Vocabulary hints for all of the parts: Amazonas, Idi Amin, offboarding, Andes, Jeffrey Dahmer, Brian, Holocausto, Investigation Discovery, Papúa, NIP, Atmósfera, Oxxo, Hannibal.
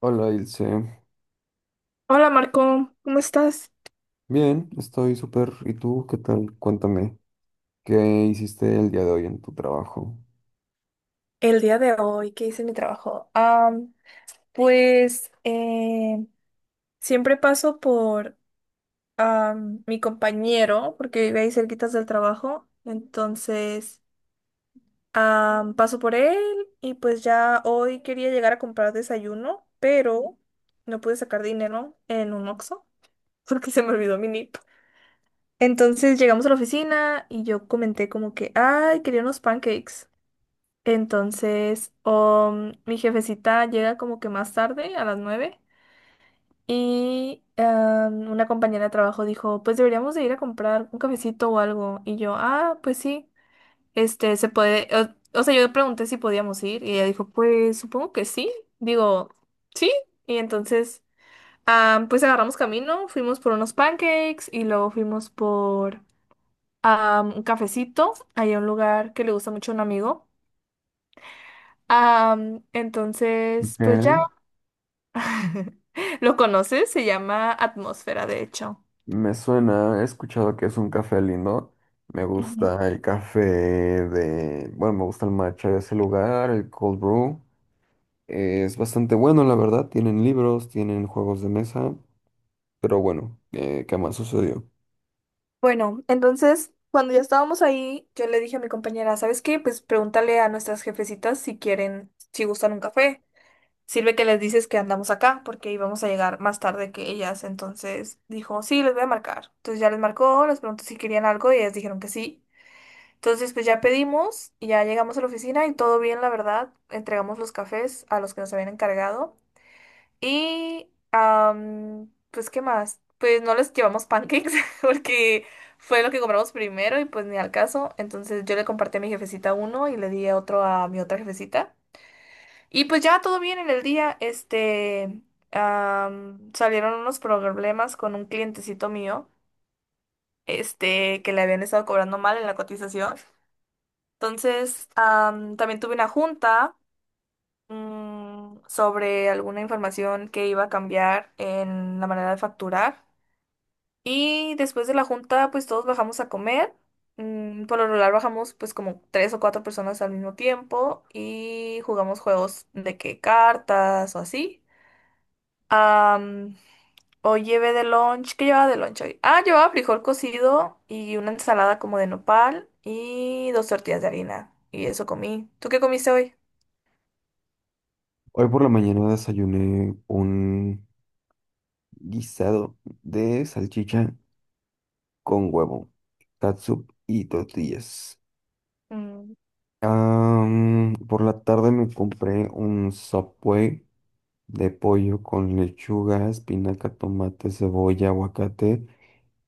Hola, Ilse. Hola Marco, ¿cómo estás? Bien, estoy súper. ¿Y tú qué tal? Cuéntame, ¿qué hiciste el día de hoy en tu trabajo? El día de hoy, ¿qué hice en mi trabajo? Am, pues siempre paso por mi compañero, porque vive ahí cerquitas del trabajo, entonces paso por él y pues ya hoy quería llegar a comprar desayuno, pero no pude sacar dinero en un Oxxo porque se me olvidó mi NIP. Entonces llegamos a la oficina y yo comenté como que, ay, quería unos pancakes. Entonces, mi jefecita llega como que más tarde, a las 9, y una compañera de trabajo dijo, pues deberíamos de ir a comprar un cafecito o algo. Y yo, ah, pues sí, se puede, o sea, yo pregunté si podíamos ir y ella dijo, pues supongo que sí. Digo, sí. Y entonces, pues agarramos camino, fuimos por unos pancakes y luego fuimos por un cafecito, ahí a un lugar que le gusta mucho a un amigo. Entonces, Ok. pues ya lo conoces, se llama Atmósfera, de hecho. Me suena, he escuchado que es un café lindo. Me Ujú. gusta el café de, bueno, me gusta el matcha de ese lugar, el cold brew. Es bastante bueno, la verdad. Tienen libros, tienen juegos de mesa, pero bueno, ¿qué más sucedió? Bueno, entonces, cuando ya estábamos ahí, yo le dije a mi compañera, ¿sabes qué? Pues pregúntale a nuestras jefecitas si quieren, si gustan un café. Sirve que les dices que andamos acá porque íbamos a llegar más tarde que ellas. Entonces dijo, sí, les voy a marcar. Entonces ya les marcó, les preguntó si querían algo y ellas dijeron que sí. Entonces, pues ya pedimos, y ya llegamos a la oficina y todo bien, la verdad. Entregamos los cafés a los que nos habían encargado. Y pues, ¿qué más? Pues no les llevamos pancakes porque fue lo que compramos primero y pues ni al caso. Entonces yo le compartí a mi jefecita uno y le di otro a mi otra jefecita. Y pues ya todo bien en el día. Salieron unos problemas con un clientecito mío, este, que le habían estado cobrando mal en la cotización. Entonces, también tuve una junta sobre alguna información que iba a cambiar en la manera de facturar. Y después de la junta, pues todos bajamos a comer. Por lo regular bajamos pues como 3 o 4 personas al mismo tiempo y jugamos juegos de que cartas o así. Am, Hoy llevé de lunch. ¿Qué llevaba de lunch hoy? Ah, llevaba frijol cocido y una ensalada como de nopal y 2 tortillas de harina. Y eso comí. ¿Tú qué comiste hoy? Hoy por la mañana desayuné un guisado de salchicha, con huevo, catsup y tortillas. Mm, Por la tarde me compré un Subway de pollo con lechuga, espinaca, tomate, cebolla, aguacate,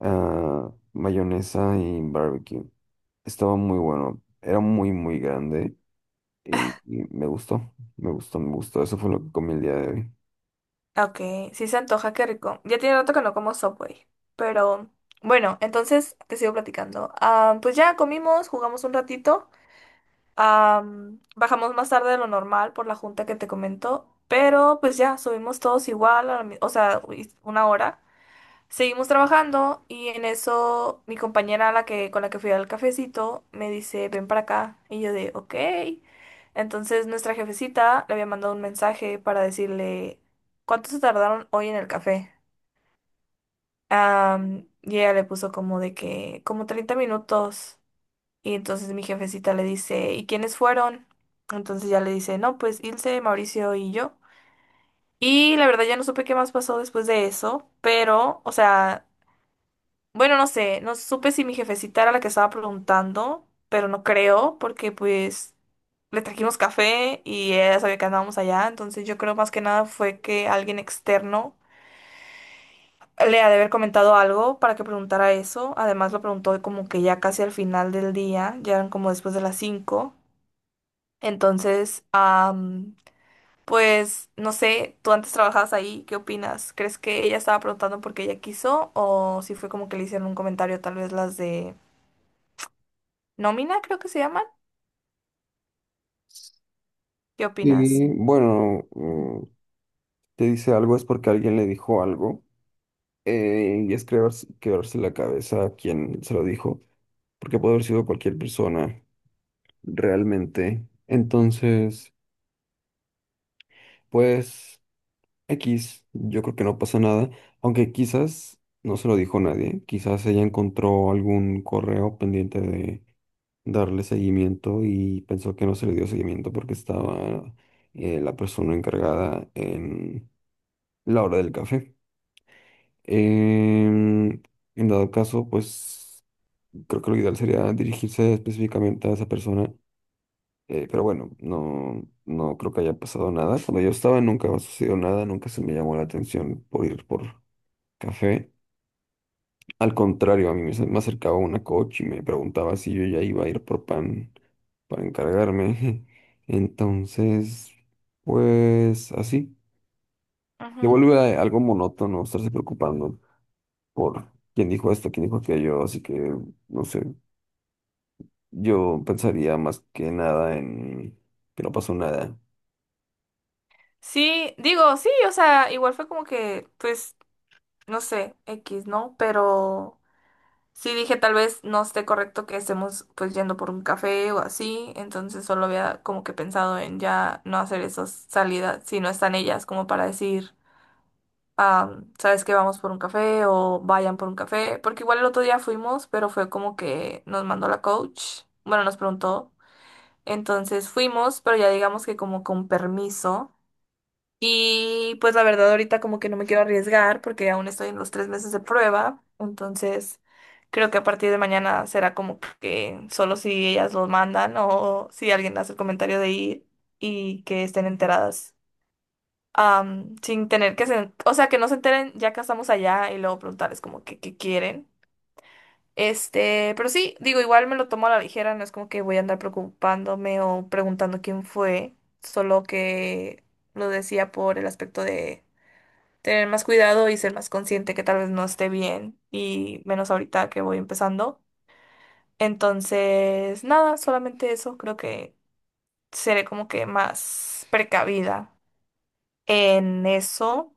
ah, mayonesa y barbecue. Estaba muy bueno, era muy, muy grande y, me gustó, me gustó, me gustó. Eso fue lo que comí el día de hoy. ok, sí se antoja, qué rico. Ya tiene rato que no como Subway. Pero bueno, entonces te sigo platicando. Ah, pues ya comimos, jugamos un ratito. Bajamos más tarde de lo normal por la junta que te comentó, pero pues ya, subimos todos igual, a la o sea, uy, una hora. Seguimos trabajando y en eso mi compañera la que, con la que fui al cafecito me dice, ven para acá. Y yo de, ok. Entonces nuestra jefecita le había mandado un mensaje para decirle, ¿cuánto se tardaron hoy en el café? Y ella le puso como de que, como 30 minutos. Y entonces mi jefecita le dice, ¿y quiénes fueron? Entonces ya le dice, no, pues Ilse, Mauricio y yo. Y la verdad ya no supe qué más pasó después de eso, pero, o sea, bueno, no sé, no supe si mi jefecita era la que estaba preguntando, pero no creo, porque pues le trajimos café y ella sabía que andábamos allá, entonces yo creo más que nada fue que alguien externo le ha de haber comentado algo para que preguntara eso, además lo preguntó como que ya casi al final del día, ya eran como después de las 5. Entonces, pues no sé, tú antes trabajabas ahí, ¿qué opinas? ¿Crees que ella estaba preguntando porque ella quiso o si fue como que le hicieron un comentario, tal vez las de nómina, creo que se llaman? ¿Qué opinas? Y bueno, te dice algo es porque alguien le dijo algo, y es creerse, quebrarse la cabeza a quien se lo dijo. Porque puede haber sido cualquier persona realmente. Entonces, pues X, yo creo que no pasa nada, aunque quizás no se lo dijo nadie, quizás ella encontró algún correo pendiente de darle seguimiento y pensó que no se le dio seguimiento porque estaba, la persona encargada en la hora del café. Em, en dado caso, pues creo que lo ideal sería dirigirse específicamente a esa persona. Pero bueno, no creo que haya pasado nada. Cuando yo estaba nunca me sucedió nada, nunca se me llamó la atención por ir por café. Al contrario, a mí me, me acercaba una coach y me preguntaba si yo ya iba a ir por pan para encargarme. Entonces, pues así. Ujú. Se vuelve algo monótono estarse preocupando por quién dijo esto, quién dijo aquello. Así que, no sé, yo pensaría más que nada en que no pasó nada. Sí, digo, sí, o sea, igual fue como que, pues, no sé, X, ¿no? Pero sí dije, tal vez no esté correcto que estemos pues yendo por un café o así, entonces solo había como que pensado en ya no hacer esas salidas si no están ellas como para decir. Ah, ¿sabes que vamos por un café o vayan por un café, porque igual el otro día fuimos, pero fue como que nos mandó la coach, bueno, nos preguntó, entonces fuimos, pero ya digamos que como con permiso. Y pues la verdad ahorita como que no me quiero arriesgar porque aún estoy en los 3 meses de prueba, entonces creo que a partir de mañana será como que solo si ellas lo mandan o si alguien hace el comentario de ir y que estén enteradas, sin tener que se, o sea, que no se enteren ya que estamos allá y luego preguntarles como que qué quieren. Este, pero sí, digo, igual me lo tomo a la ligera, no es como que voy a andar preocupándome o preguntando quién fue, solo que lo decía por el aspecto de tener más cuidado y ser más consciente que tal vez no esté bien y menos ahorita que voy empezando. Entonces, nada, solamente eso, creo que seré como que más precavida en eso.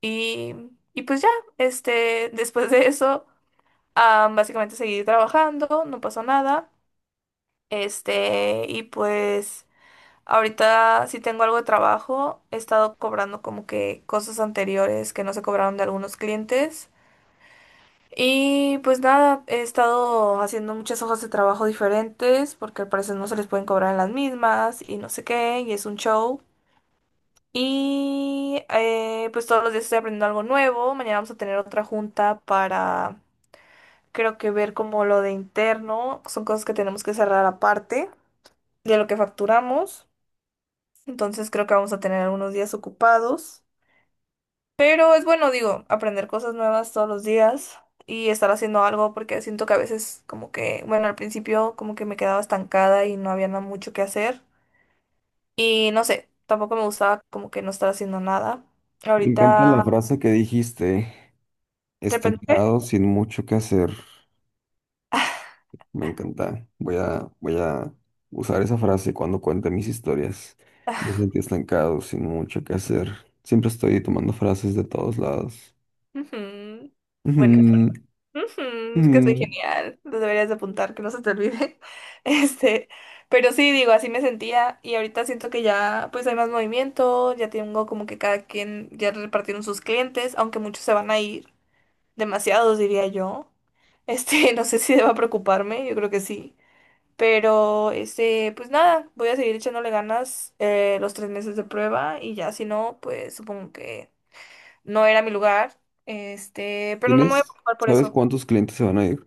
Y, y pues ya, este, después de eso, ah, básicamente seguí trabajando, no pasó nada. Este, y pues ahorita sí tengo algo de trabajo, he estado cobrando como que cosas anteriores que no se cobraron de algunos clientes. Y pues nada, he estado haciendo muchas hojas de trabajo diferentes porque al parecer no se les pueden cobrar en las mismas y no sé qué, y es un show. Y pues todos los días estoy aprendiendo algo nuevo. Mañana vamos a tener otra junta para, creo que ver como lo de interno. Son cosas que tenemos que cerrar aparte de lo que facturamos. Entonces creo que vamos a tener algunos días ocupados. Pero es bueno, digo, aprender cosas nuevas todos los días y estar haciendo algo porque siento que a veces como que, bueno, al principio como que me quedaba estancada y no había nada mucho que hacer. Y no sé, tampoco me gustaba como que no estar haciendo nada. Me encanta la Ahorita, frase que dijiste, de repente... estancado sin mucho que hacer. Me encanta. Voy a usar esa frase cuando cuente mis historias. Me sentí estancado sin mucho que hacer. Siempre estoy tomando frases de todos lados. Ujú. Bueno, Ujú, ujú, es que soy ujú. genial. Lo deberías de apuntar, que no se te olvide. Este, pero sí, digo, así me sentía y ahorita siento que ya pues hay más movimiento, ya tengo como que cada quien ya repartieron sus clientes, aunque muchos se van a ir, demasiados diría yo. Este, no sé si deba preocuparme, yo creo que sí. Pero, este, pues nada, voy a seguir echándole ganas los 3 meses de prueba y ya si no, pues supongo que no era mi lugar, este, pero no me voy a ¿Tienes? preocupar por ¿Sabes eso. cuántos clientes se van a ir?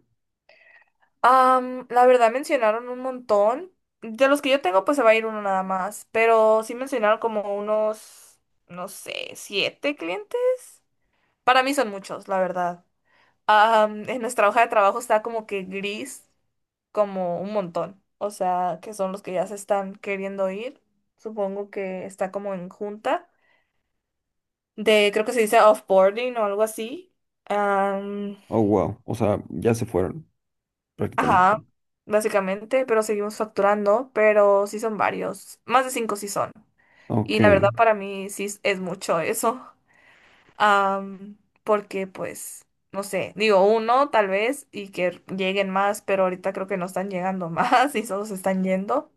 La verdad mencionaron un montón. De los que yo tengo, pues se va a ir uno nada más, pero sí mencionaron como unos, no sé, 7 clientes. Para mí son muchos, la verdad. En nuestra hoja de trabajo está como que gris, como un montón. O sea, que son los que ya se están queriendo ir. Supongo que está como en junta de, creo que se dice offboarding o algo así. Oh, wow. O sea, ya se fueron prácticamente. Ajá, básicamente, pero seguimos facturando, pero sí son varios, más de 5 sí son. Ok, Y la verdad para mí sí es mucho eso. Am, Porque pues, no sé, digo uno tal vez y que lleguen más, pero ahorita creo que no están llegando más y solo se están yendo.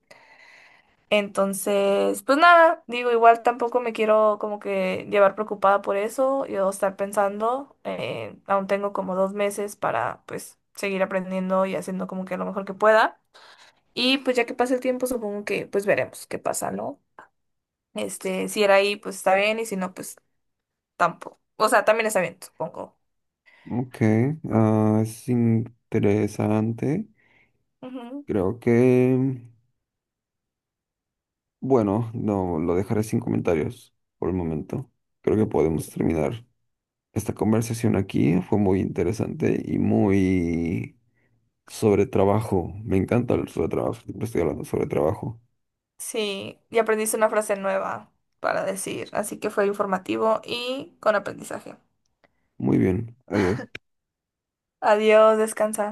Entonces, pues nada, digo, igual tampoco me quiero como que llevar preocupada por eso, yo estar pensando, aún tengo como 2 meses para pues seguir aprendiendo y haciendo como que lo mejor que pueda. Y pues ya que pasa el tiempo, supongo que pues veremos qué pasa, ¿no? Este, si era ahí, pues está bien, y si no, pues tampoco. O sea, también está bien, supongo. ok. Ah, es interesante. Ujú. Creo que... bueno, no, lo dejaré sin comentarios por el momento. Creo que podemos terminar esta conversación aquí. Fue muy interesante y muy sobre trabajo. Me encanta hablar sobre trabajo. Siempre estoy hablando sobre trabajo. Sí, y aprendiste una frase nueva para decir, así que fue informativo y con aprendizaje. Muy bien, adiós. Adiós, descansa.